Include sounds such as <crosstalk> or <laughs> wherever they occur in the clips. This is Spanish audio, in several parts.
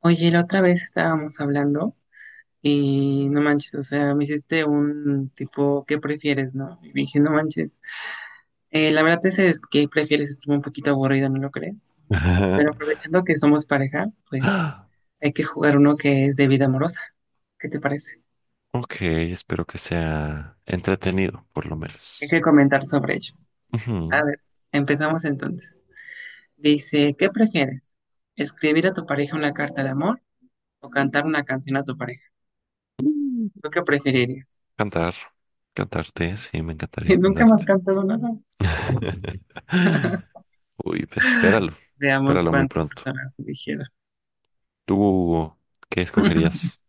Oye, la otra vez estábamos hablando y no manches, o sea, me hiciste un tipo, ¿qué prefieres, no? Y dije, no manches. La verdad ese es que prefieres estuvo un poquito aburrido, ¿no lo crees? Ajá. Pero aprovechando que somos pareja, pues Ah. hay que jugar uno que es de vida amorosa. ¿Qué te parece? Ok, espero que sea entretenido, por lo Hay menos. que comentar sobre ello. A Ujú. ver, empezamos entonces. Dice, ¿qué prefieres? ¿Escribir a tu pareja una carta de amor o cantar una canción a tu pareja? Mm, ¿Tú qué preferirías? Cantar, cantarte, sí, me encantaría <laughs> Nunca más cantarte. cantado nada. <laughs> Uy, pues espéralo, Veamos espéralo muy cuántas pronto. personas eligieron. ¿Tú qué escogerías?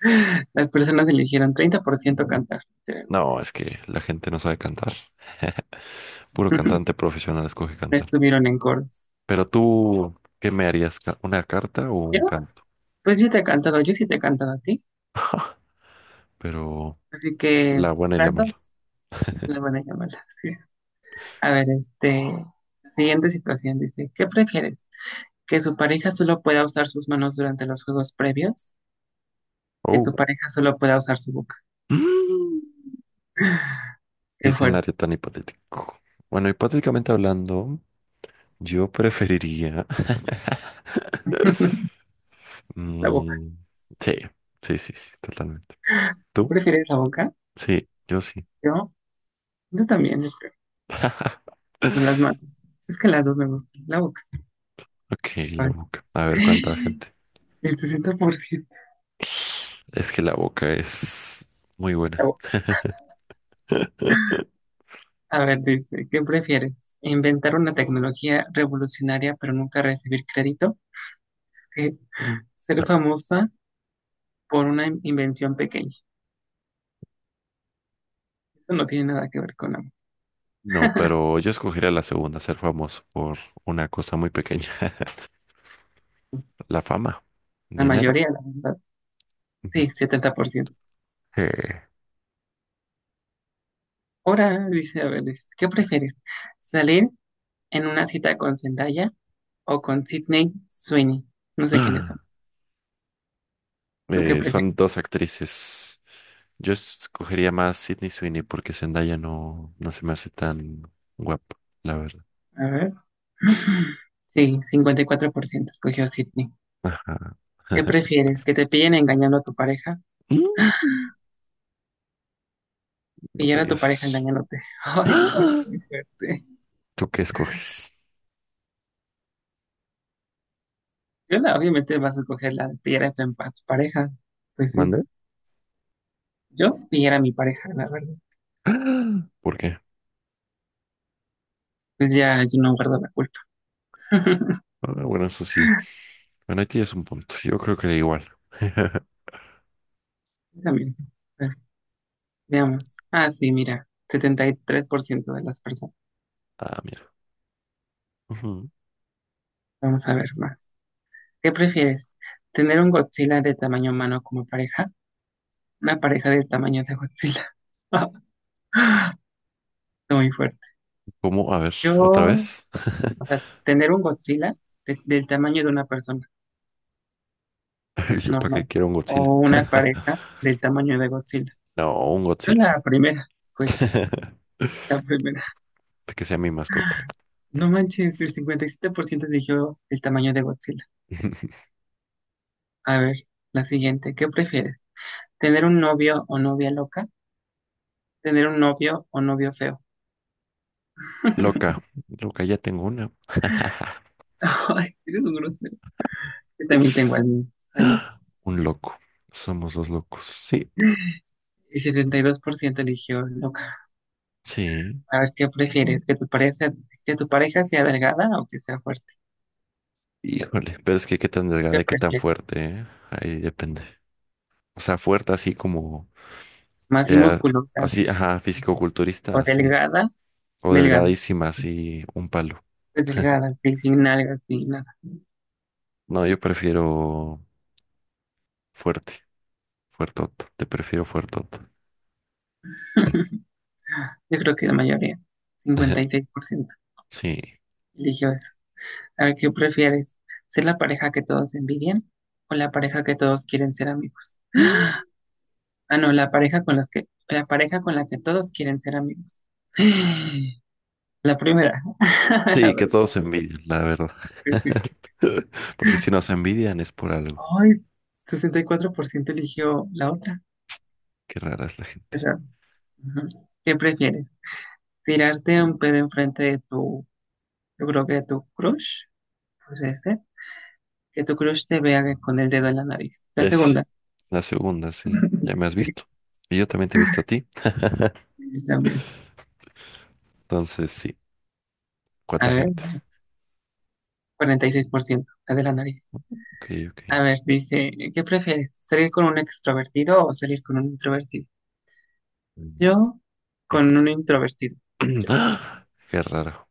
<laughs> Las personas eligieron 30% cantar. No, es que la gente no sabe cantar. <laughs> Puro cantante <laughs> profesional escoge No cantar. estuvieron en coros. Pero tú, ¿qué me harías? ¿Ca- ¿Una carta o ¿Yo? un canto? Pues yo te he cantado, yo sí te he cantado a ti. <laughs> Pero Así que la buena y la las mala. dos, la buena y la mala. Sí. A ver, este, siguiente situación dice, ¿qué prefieres? ¿Que su pareja solo pueda usar sus manos durante los juegos previos? ¿Que Oh. tu pareja solo pueda usar su boca? <gasps> Qué Qué fuerte, escenario tan hipotético. Bueno, hipotéticamente hablando, yo preferiría. <laughs> la boca. Mm, sí, sí, totalmente. ¿Tú ¿Tú? prefieres la boca? Sí, yo sí. Yo, yo también, yo creo. O las manos. <laughs> Es que las dos me gustan, la boca. Ok, la boca. A ver cuánta Ay. gente. El 60%. Es que la boca es muy buena. <laughs> A ver, dice, ¿qué prefieres? ¿Inventar una tecnología revolucionaria pero nunca recibir crédito? Eh, ¿Ser famosa por una invención pequeña? Eso no tiene nada que ver con la, No, pero yo escogería la segunda, ser famoso por una cosa muy pequeña. <laughs> La fama, la dinero. mayoría, la verdad. Ujú. Sí, 70%. Eh, Ahora dice, a ver, dice, ¿qué prefieres? ¿Salir en una cita con Zendaya o con Sydney Sweeney? No sé quiénes son. <clears throat> ¿Tú qué son prefieres? dos actrices. Yo escogería más Sydney Sweeney porque Zendaya no, no se me hace tan guapa, la verdad. A ver. Sí, 54% escogió Sydney. Ajá. ¿Qué <laughs> prefieres? ¿Que te pillen engañando a tu pareja? Mm, no me Pillar a tu digas pareja eso. engañándote. <laughs> <gasps> Ay, no, es ¡Ah! muy fuerte. ¿Tú qué escoges? Yo la, obviamente vas a escoger la de pillar a tu pareja. Pues sí. ¿Mande? Yo pillar a mi pareja, la verdad. <gasps> ¡Ah! ¿Por qué? Pues ya yo no guardo la culpa. <laughs> Ah, bueno, eso sí. Bueno, ahí tienes un punto. Yo creo que da igual. <laughs> También. Bueno, veamos. Ah, sí, mira, 73% de las personas. Ah, mira. Ujú. Vamos a ver más. ¿Qué prefieres? ¿Tener un Godzilla de tamaño humano como pareja? Una pareja del tamaño de Godzilla. <laughs> Está muy fuerte. ¿Cómo? A ver, ¿otra Yo, vez? o sea, tener un Godzilla del tamaño de una persona <laughs> ¿Yo para normal qué quiero un Godzilla? o una <laughs> pareja del tamaño de Godzilla. No, un Yo Godzilla. la primera, pues <laughs> la primera. Que sea mi mascota. No manches, el 57% eligió el tamaño de Godzilla. <laughs> A ver, la siguiente, ¿qué prefieres? ¿Tener un novio o novia loca? ¿Tener un novio o novio feo? Loca, <laughs> loca, ya tengo una. Ay, eres un grosero. Yo también tengo al mío, al loco. Un loco. Somos los locos. Sí, El 72% eligió loca. sí. A ver, ¿qué prefieres? Que tu pareja sea delgada o que sea fuerte? Híjole, pero es que qué tan delgada ¿Qué y qué tan prefieres? fuerte, ¿eh? Ahí depende. O sea, fuerte así como, Más y eh, musculosa, sí. así, ajá, No sé. fisicoculturista, O así. delgada. O Delgada. delgadísima, Sí. así, un palo. Pues delgada, sí, sin nalgas ni nada. No, yo prefiero fuerte, fuertoto. Te prefiero fuertoto. <laughs> Yo creo que la mayoría, 56% Sí. eligió eso. A ver, ¿qué prefieres? ¿Ser la pareja que todos envidian o la pareja que todos quieren ser amigos? Ah, no, la pareja con las que, la pareja con la que todos quieren ser amigos. <gasps> <sighs> La primera, <laughs> la Sí, que verdad todos se envidian, la verdad. que sí. <laughs> Porque si nos envidian es por algo. Ay, 64% eligió la otra. Qué rara es la Qué gente. raro. Ujú. ¿Qué prefieres? ¿Tirarte un pedo enfrente de tu, yo creo que de tu crush? Podría ser que tu crush te vea con el dedo en la nariz. La Es segunda. la segunda, sí. Ya <laughs> me has Sí, visto. Y yo también te he visto a ti. <laughs> sí, también. Entonces, sí. ¿Cuánta A ver, gente? vamos. 46%, la de la nariz. Ok, ok. A ver, dice, ¿qué prefieres? ¿Salir con un extrovertido o salir con un introvertido? Mm. Yo, con Híjole. un introvertido. <clears throat> Yo. ¡Ah! Qué raro.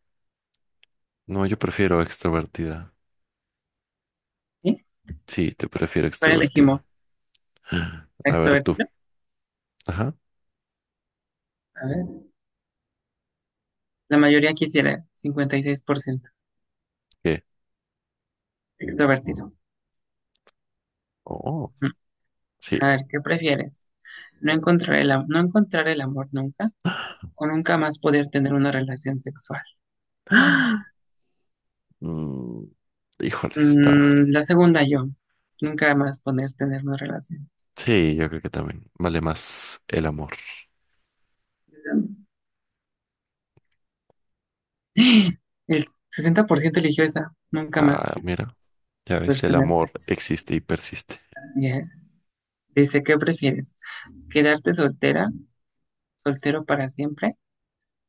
No, yo prefiero extrovertida. ¿Sí? Sí, te prefiero ¿Cuál extrovertida. elegimos? ¿La A ver tú. ¿Extrovertido? Ajá. A ver, la mayoría quisiera, 56%, ¿Qué? extrovertido. Oh, Ujú. A sí. ver, ¿qué prefieres? ¿No encontrar el, no encontrar el amor nunca ¡Ah! o nunca más poder tener una relación sexual? Mm, Híjole, está. Mm, la segunda yo. Nunca más poner tener una relación. Sí, yo creo que también vale más el amor. El 60% eligió esa. Nunca más Ah, mira, ya poder ves, el tener amor sexo. existe y persiste. Bien. Dice, ¿qué prefieres? ¿Quedarte soltera, soltero para siempre?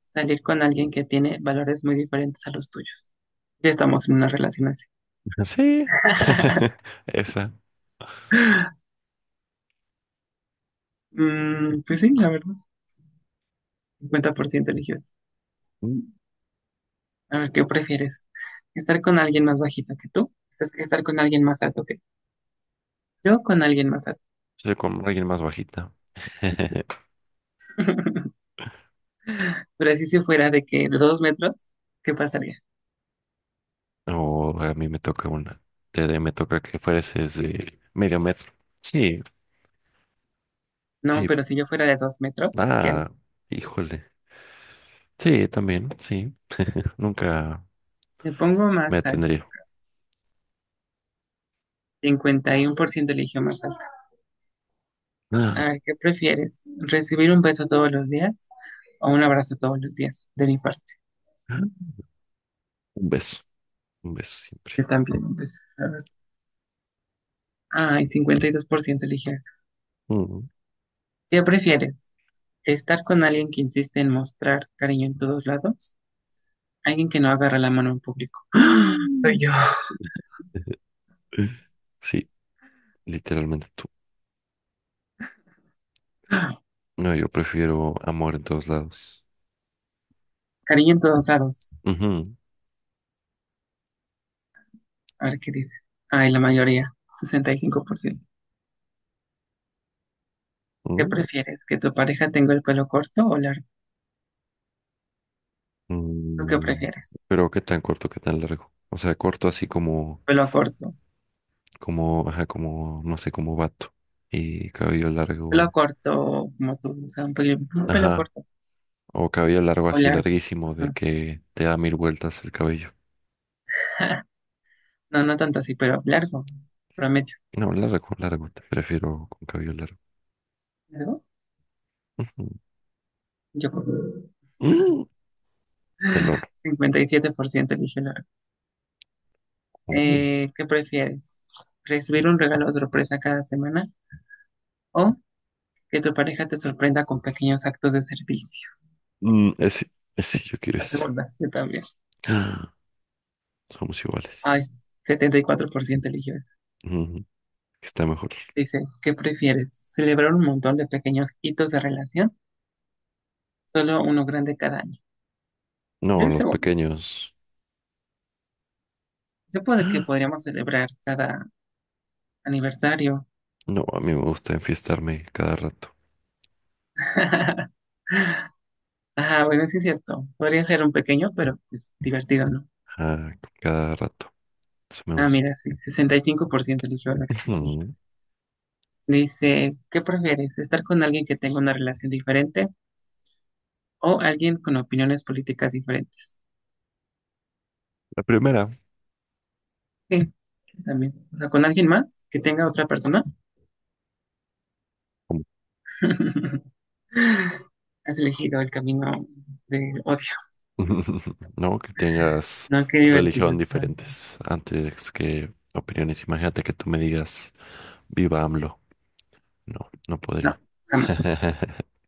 ¿Salir con alguien que tiene valores muy diferentes a los tuyos? Ya estamos en una relación así. Sí, <laughs> <laughs> esa. Mm, pues sí, la verdad. 50% eligió eso. Mm. A ver, ¿qué prefieres? ¿Estar con alguien más bajito que tú? ¿Estar con alguien más alto que tú? Yo con alguien más alto. Estoy con alguien más bajita. <laughs> <laughs> Pero así si fuera de que de 2 metros, ¿qué pasaría? O a mí me toca una. Me toca que fueses de medio metro. Sí, No, sí. pero si yo fuera de 2 metros, ¿qué haré? Ah, híjole. Sí, también, sí. Nunca Me pongo me más alto. atendría. 51% eligió más alto. A Ah, ver, ¿qué prefieres? ¿Recibir un beso todos los días o un abrazo todos los días? De mi parte. un beso, un beso siempre. Yo también un beso. A ver. Ay, 52% eligió eso. Mm. ¿Qué prefieres? ¿Estar con alguien que insiste en mostrar cariño en todos lados? Alguien que no agarra la mano en público. Soy Mm. yo. <laughs> Sí, literalmente tú. No, yo prefiero amor en todos lados. Cariño en todos lados. Ujú. A ver qué dice. Ay, la mayoría, 65%. ¿Qué prefieres? ¿Que tu pareja tenga el pelo corto o largo? Mm. ¿Lo que Mm. prefieres? Pero qué tan corto, qué tan largo. O sea, corto así como Pelo corto. como, ajá, como, no sé, como vato y cabello Pelo largo, corto, como tú, o sea, un pelo ajá, corto o cabello largo o así largo. larguísimo de Ajá. que te da mil vueltas el cabello. <laughs> No, no tanto así, pero largo. Promedio. No, largo, largo, te prefiero con cabello largo. ¿Largo? Ujú. <laughs> Yo creo. <laughs> Mm, pelón. 57% eligió largo. Ujú. ¿Qué prefieres? ¿Recibir un regalo sorpresa cada semana o que tu pareja te sorprenda con pequeños actos de servicio? Mm, ese yo quiero La ese. segunda, yo también. Ah. Somos Ay, iguales. 74% eligió. Ujú. Está mejor. Dice, ¿qué prefieres? ¿Celebrar un montón de pequeños hitos de relación? Solo uno grande cada año. Yo No, el los segundo. pequeños. Yo puedo que podríamos celebrar cada aniversario. No, a mí me gusta enfiestarme cada rato. <laughs> Ajá, bueno, sí es cierto. Podría ser un pequeño, pero es divertido, ¿no? Ah, cada rato. Eso me Ah, gusta. mira, sí, 65% eligió la que <laughs> te dije. Ujú. Dice, ¿qué prefieres? ¿Estar con alguien que tenga una relación diferente o alguien con opiniones políticas diferentes? La primera. Sí, también. O sea, con alguien más que tenga otra persona. <laughs> Has elegido el camino del odio. <laughs> No, que tengas No, qué divertido. religión diferentes antes que opiniones. Imagínate que tú me digas, viva AMLO. No, no No, podría. jamás. <laughs>